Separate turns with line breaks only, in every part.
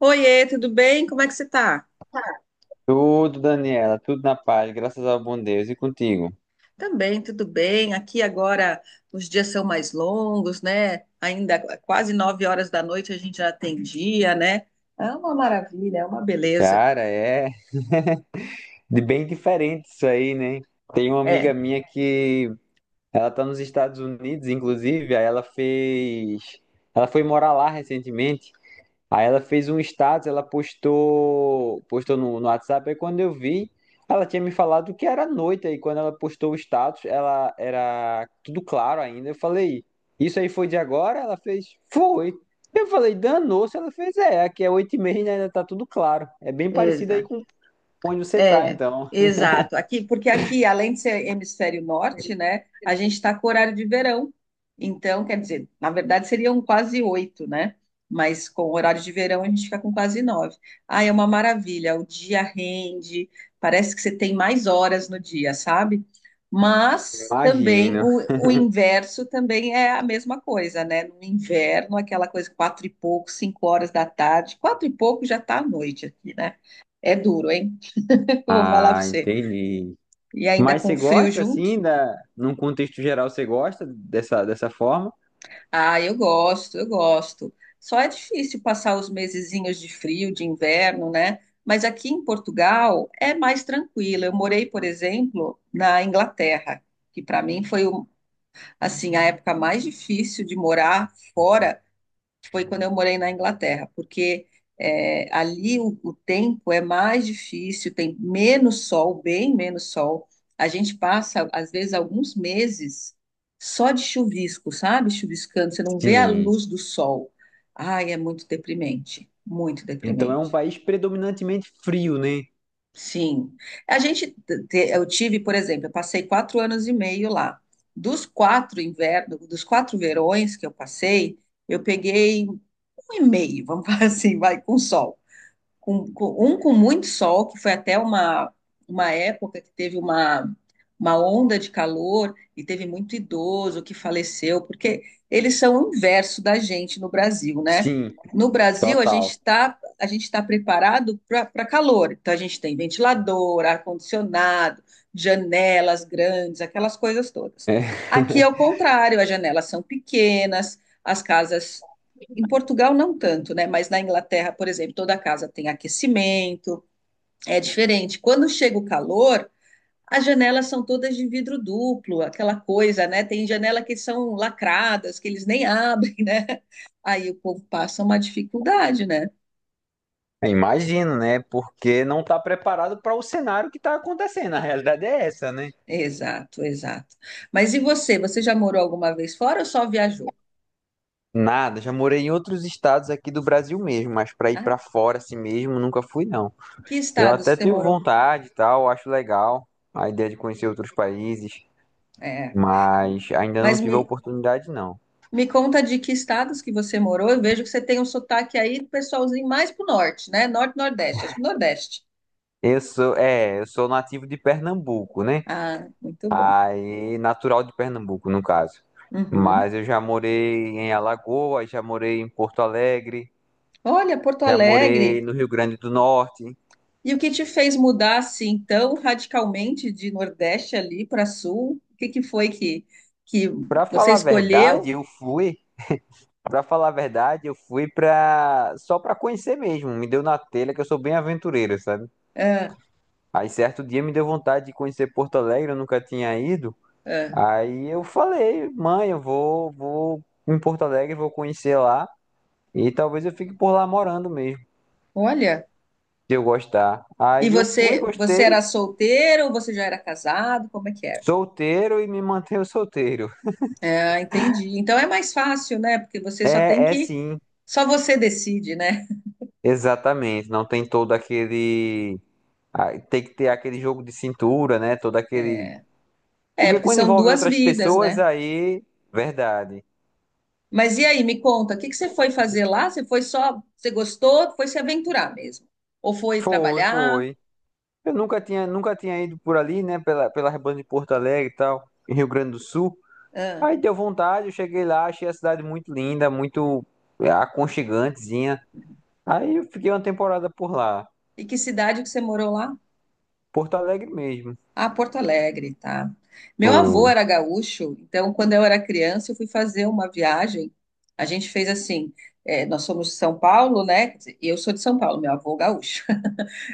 Oiê, tudo bem? Como é que você tá?
Tudo, Daniela, tudo na paz, graças ao bom Deus e contigo.
Também, tudo bem. Aqui agora os dias são mais longos, né? Ainda quase 9 horas da noite a gente já tem dia, né? É uma maravilha, é uma beleza.
Cara, é de bem diferente isso aí, né? Tem uma amiga
É,
minha que ela tá nos Estados Unidos, inclusive, aí ela foi morar lá recentemente. Aí ela fez um status, ela postou no WhatsApp, aí quando eu vi, ela tinha me falado que era noite, aí quando ela postou o status, ela era tudo claro ainda. Eu falei, isso aí foi de agora? Ela fez, foi. Eu falei, danou-se, ela fez, é, aqui é 8h30, né, ainda tá tudo claro. É bem parecido aí
exato.
com onde você tá,
É,
então.
exato. Aqui, porque aqui, além de ser hemisfério norte, né, a gente está com horário de verão. Então, quer dizer, na verdade seriam quase 8, né? Mas com o horário de verão a gente fica com quase 9. Ah, é uma maravilha. O dia rende, parece que você tem mais horas no dia, sabe? Mas também
Imagino.
o, inverso também é a mesma coisa, né? No inverno, aquela coisa 4 e pouco, 5 horas da tarde, 4 e pouco já está à noite aqui, né? É duro, hein? Vou falar pra
Ah,
você.
entendi.
E ainda
Mas
com
você
frio
gosta,
junto?
assim, num contexto geral, você gosta dessa forma?
Ah, eu gosto, eu gosto. Só é difícil passar os mesezinhos de frio, de inverno, né? Mas aqui em Portugal é mais tranquilo. Eu morei, por exemplo, na Inglaterra, que para mim foi um- assim a época mais difícil de morar fora foi quando eu morei na Inglaterra, porque ali o, tempo é mais difícil, tem menos sol, bem menos sol. A gente passa, às vezes, alguns meses só de chuvisco, sabe? Chuviscando, você não vê a
Sim.
luz do sol. Ai, é muito deprimente, muito
Então é um
deprimente.
país predominantemente frio, né?
Sim. A gente, eu tive, por exemplo, eu passei 4 anos e meio lá. Dos 4 invernos, dos 4 verões que eu passei, eu peguei um e meio, vamos falar assim, vai, com sol com muito sol, que foi até uma, época que teve uma onda de calor e teve muito idoso que faleceu, porque eles são o inverso da gente no Brasil, né?
Sim,
No Brasil, a gente
total.
está a gente está preparado para calor. Então, a gente tem ventilador, ar-condicionado, janelas grandes, aquelas coisas todas.
É,
Aqui é o contrário, as janelas são pequenas, as casas em Portugal não tanto, né? Mas na Inglaterra, por exemplo, toda casa tem aquecimento, é diferente. Quando chega o calor, as janelas são todas de vidro duplo, aquela coisa, né? Tem janela que são lacradas, que eles nem abrem, né? Aí o povo passa uma dificuldade, né?
imagino, né? Porque não está preparado para o cenário que está acontecendo. A realidade é essa, né?
Exato, exato. Mas e você? Você já morou alguma vez fora ou só viajou?
Nada, já morei em outros estados aqui do Brasil mesmo, mas para ir
Ah,
para fora assim mesmo nunca fui, não.
que
Eu
estados
até
você
tenho
morou?
vontade e tal, acho legal a ideia de conhecer outros países,
É,
mas ainda não
mas
tive
me,
a oportunidade, não.
Me conta de que estados que você morou. Eu vejo que você tem um sotaque aí, pessoalzinho, mais pro norte, né? Norte, Nordeste, acho que Nordeste.
Eu sou nativo de Pernambuco, né?
Ah, muito bom.
Aí, natural de Pernambuco, no caso.
Uhum.
Mas eu já morei em Alagoas, já morei em Porto Alegre,
Olha, Porto
já morei
Alegre.
no Rio Grande do Norte.
E o que te fez mudar assim tão radicalmente de Nordeste ali para Sul? O que que foi que
Pra
você
falar a verdade,
escolheu?
eu fui, para falar a verdade, eu fui pra só pra conhecer mesmo. Me deu na telha que eu sou bem aventureiro, sabe?
Ah,
Aí certo dia me deu vontade de conhecer Porto Alegre, eu nunca tinha ido.
ah,
Aí eu falei, mãe, eu vou em Porto Alegre, vou conhecer lá e talvez eu fique por lá morando mesmo.
olha.
De eu gostar.
E
Aí eu fui,
você
gostei,
era solteiro ou você já era casado? Como é que era?
solteiro e me mantenho solteiro.
Ah, entendi. Então é mais fácil, né? Porque você só tem
É
que.
sim,
Só você decide, né?
exatamente. Não tem todo aquele. Ah, tem que ter aquele jogo de cintura, né? Todo aquele.
É,
Porque
porque
quando
são
envolve
duas
outras
vidas,
pessoas,
né?
aí. Verdade.
Mas e aí, me conta, o que que você foi fazer lá? Você foi só. Você gostou? Foi se aventurar mesmo? Ou foi
Foi,
trabalhar?
foi. Eu nunca tinha ido por ali, né? Pela banda de Porto Alegre e tal, em Rio Grande do Sul.
Ah,
Aí deu vontade, eu cheguei lá, achei a cidade muito linda, muito, aconchegantezinha. Aí eu fiquei uma temporada por lá.
e que cidade que você morou lá?
Porto Alegre mesmo.
Ah, Porto Alegre, tá? Meu
Foi,
avô era gaúcho, então quando eu era criança, eu fui fazer uma viagem. A gente fez assim. Nós somos de São Paulo, né? Quer dizer, eu sou de São Paulo, meu avô gaúcho.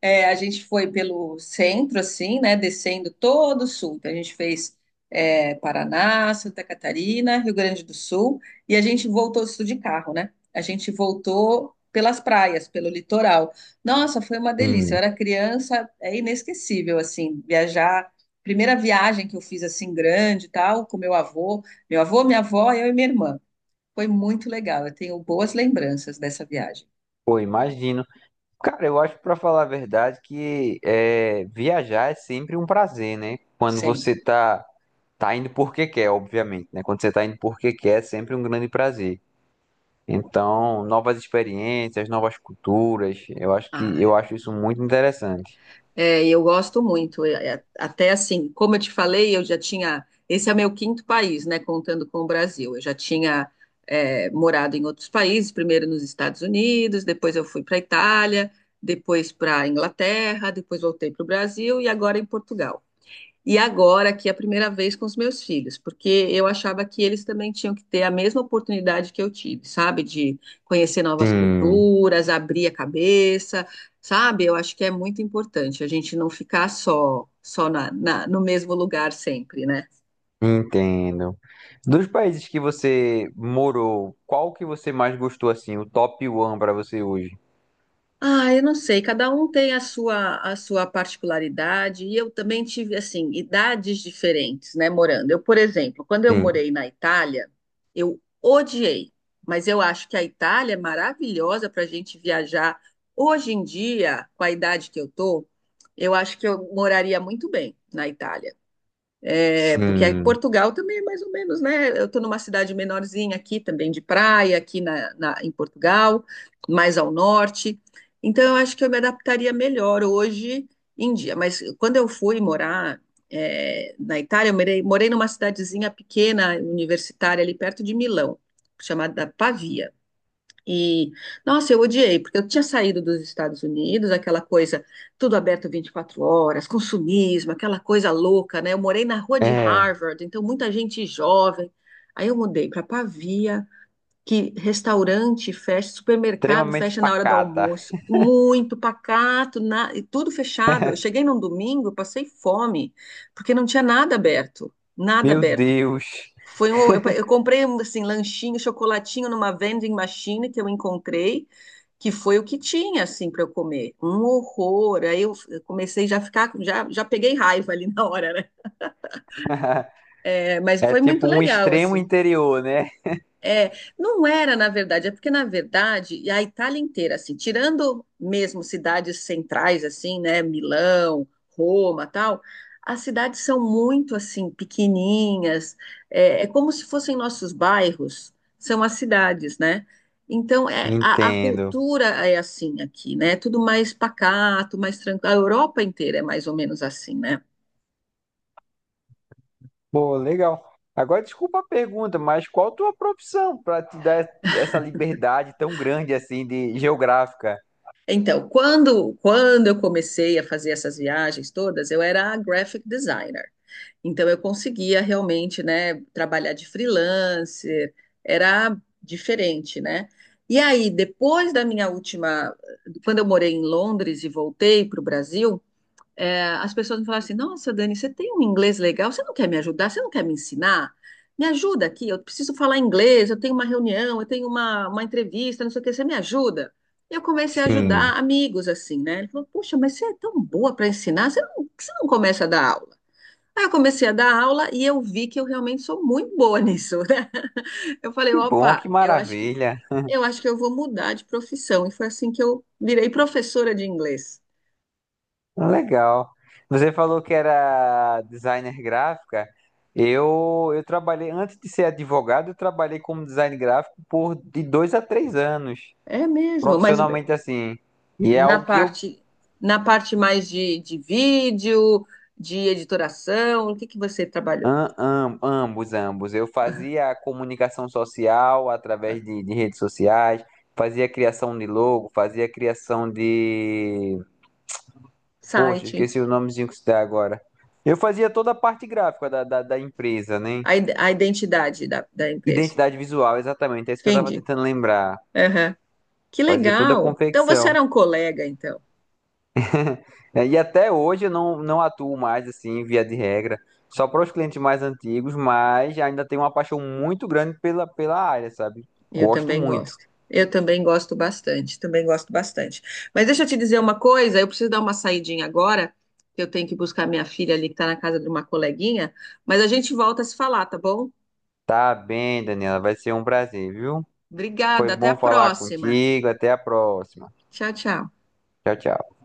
É, a gente foi pelo centro, assim, né? Descendo todo o sul. Então, a gente fez é, Paraná, Santa Catarina, Rio Grande do Sul, e a gente voltou isso de carro, né? A gente voltou pelas praias, pelo litoral. Nossa, foi uma delícia. Eu
sim,
era criança, é inesquecível, assim, viajar. Primeira viagem que eu fiz, assim, grande e tal, com meu avô, minha avó, eu e minha irmã. Foi muito legal. Eu tenho boas lembranças dessa viagem,
foi, imagino. Cara, eu acho, pra falar a verdade, que é, viajar é sempre um prazer, né? Quando
sempre.
você tá indo porque quer, obviamente, né? Quando você tá indo porque quer, é sempre um grande prazer. Então, novas experiências, novas culturas, eu acho que eu
Ah,
acho isso muito interessante.
E eu gosto muito. Até assim, como eu te falei, eu já tinha. Esse é meu quinto país, né? Contando com o Brasil. Eu já tinha morado em outros países, primeiro nos Estados Unidos, depois eu fui para a Itália, depois para a Inglaterra, depois voltei para o Brasil e agora em Portugal. E agora aqui é a primeira vez com os meus filhos, porque eu achava que eles também tinham que ter a mesma oportunidade que eu tive, sabe? De conhecer novas
Sim,
culturas, abrir a cabeça, sabe? Eu acho que é muito importante a gente não ficar só, no mesmo lugar sempre, né?
entendo. Dos países que você morou, qual que você mais gostou assim, o top one pra você hoje?
Ah, eu não sei, cada um tem a sua particularidade, e eu também tive, assim, idades diferentes, né, morando. Eu, por exemplo, quando eu
Sim,
morei na Itália, eu odiei, mas eu acho que a Itália é maravilhosa para a gente viajar. Hoje em dia, com a idade que eu tô, eu acho que eu moraria muito bem na Itália. É, porque
sim.
Portugal também é mais ou menos, né? Eu estou numa cidade menorzinha aqui também de praia, aqui em Portugal, mais ao norte. Então, eu acho que eu me adaptaria melhor hoje em dia. Mas quando eu fui morar, na Itália, eu morei numa cidadezinha pequena, universitária, ali perto de Milão, chamada Pavia. E, nossa, eu odiei, porque eu tinha saído dos Estados Unidos, aquela coisa, tudo aberto 24 horas, consumismo, aquela coisa louca, né? Eu morei na rua de
É,
Harvard, então muita gente jovem. Aí eu mudei para Pavia, que restaurante fecha, supermercado
extremamente
fecha na hora do
pacata.
almoço, muito pacato, e tudo fechado. Eu cheguei num domingo, passei fome, porque não tinha nada aberto, nada
Meu
aberto.
Deus.
Eu comprei assim lanchinho, chocolatinho numa vending machine que eu encontrei, que foi o que tinha assim para eu comer. Um horror. Aí eu comecei já a ficar, já, já peguei raiva ali na hora, né? É, mas
É
foi muito
tipo um
legal
extremo
assim.
interior, né?
É, não era, na verdade, é porque, na verdade, e a Itália inteira, assim, tirando mesmo cidades centrais, assim, né, Milão, Roma, tal, as cidades são muito, assim, pequenininhas, é como se fossem nossos bairros, são as cidades, né? Então, a,
Entendo.
cultura é assim aqui, né? Tudo mais pacato, mais tranquilo. A Europa inteira é mais ou menos assim, né?
Pô, legal. Agora, desculpa a pergunta, mas qual a tua profissão para te dar essa liberdade tão grande assim de geográfica?
Então, quando eu comecei a fazer essas viagens todas, eu era graphic designer. Então eu conseguia realmente, né, trabalhar de freelancer, era diferente, né? E aí, depois da minha última, quando eu morei em Londres e voltei para o Brasil, as pessoas me falaram assim: Nossa, Dani, você tem um inglês legal, você não quer me ajudar? Você não quer me ensinar? Me ajuda aqui, eu preciso falar inglês, eu tenho uma reunião, eu tenho uma, entrevista, não sei o que, você me ajuda? E eu comecei a
Sim.
ajudar amigos assim, né? Ele falou: Puxa, mas você é tão boa para ensinar, você não, por que você não começa a dar aula? Aí eu comecei a dar aula e eu vi que eu realmente sou muito boa nisso, né? Eu falei,
Que bom,
opa,
que
eu acho que
maravilha.
eu acho que eu vou mudar de profissão. E foi assim que eu virei professora de inglês.
Legal. Você falou que era designer gráfica. Eu trabalhei, antes de ser advogado, eu trabalhei como design gráfico por de 2 a 3 anos.
É mesmo, mas
Profissionalmente assim. E é
na
algo que eu
parte na parte mais de, vídeo, de editoração, o que que você trabalhou?
ambos. Eu fazia a comunicação social através de redes sociais, fazia a criação de logo, fazia a criação de. Poxa,
Site,
esqueci o nomezinho que se dá agora. Eu fazia toda a parte gráfica da empresa, né?
a identidade da empresa.
Identidade visual, exatamente. É isso que eu estava
Entendi.
tentando lembrar.
Aham. Que
Fazia toda a
legal. Então você
confecção.
era um colega, então?
É, e até hoje eu não atuo mais assim, via de regra, só para os clientes mais antigos, mas ainda tenho uma paixão muito grande pela área, sabe?
Eu
Gosto
também
muito.
gosto. Eu também gosto bastante, também gosto bastante. Mas deixa eu te dizer uma coisa, eu preciso dar uma saidinha agora, que eu tenho que buscar minha filha ali que está na casa de uma coleguinha, mas a gente volta a se falar, tá bom?
Tá bem, Daniela, vai ser um prazer, viu? Foi
Obrigada, até a
bom falar
próxima.
contigo, até a próxima.
Tchau, tchau.
Tchau, tchau.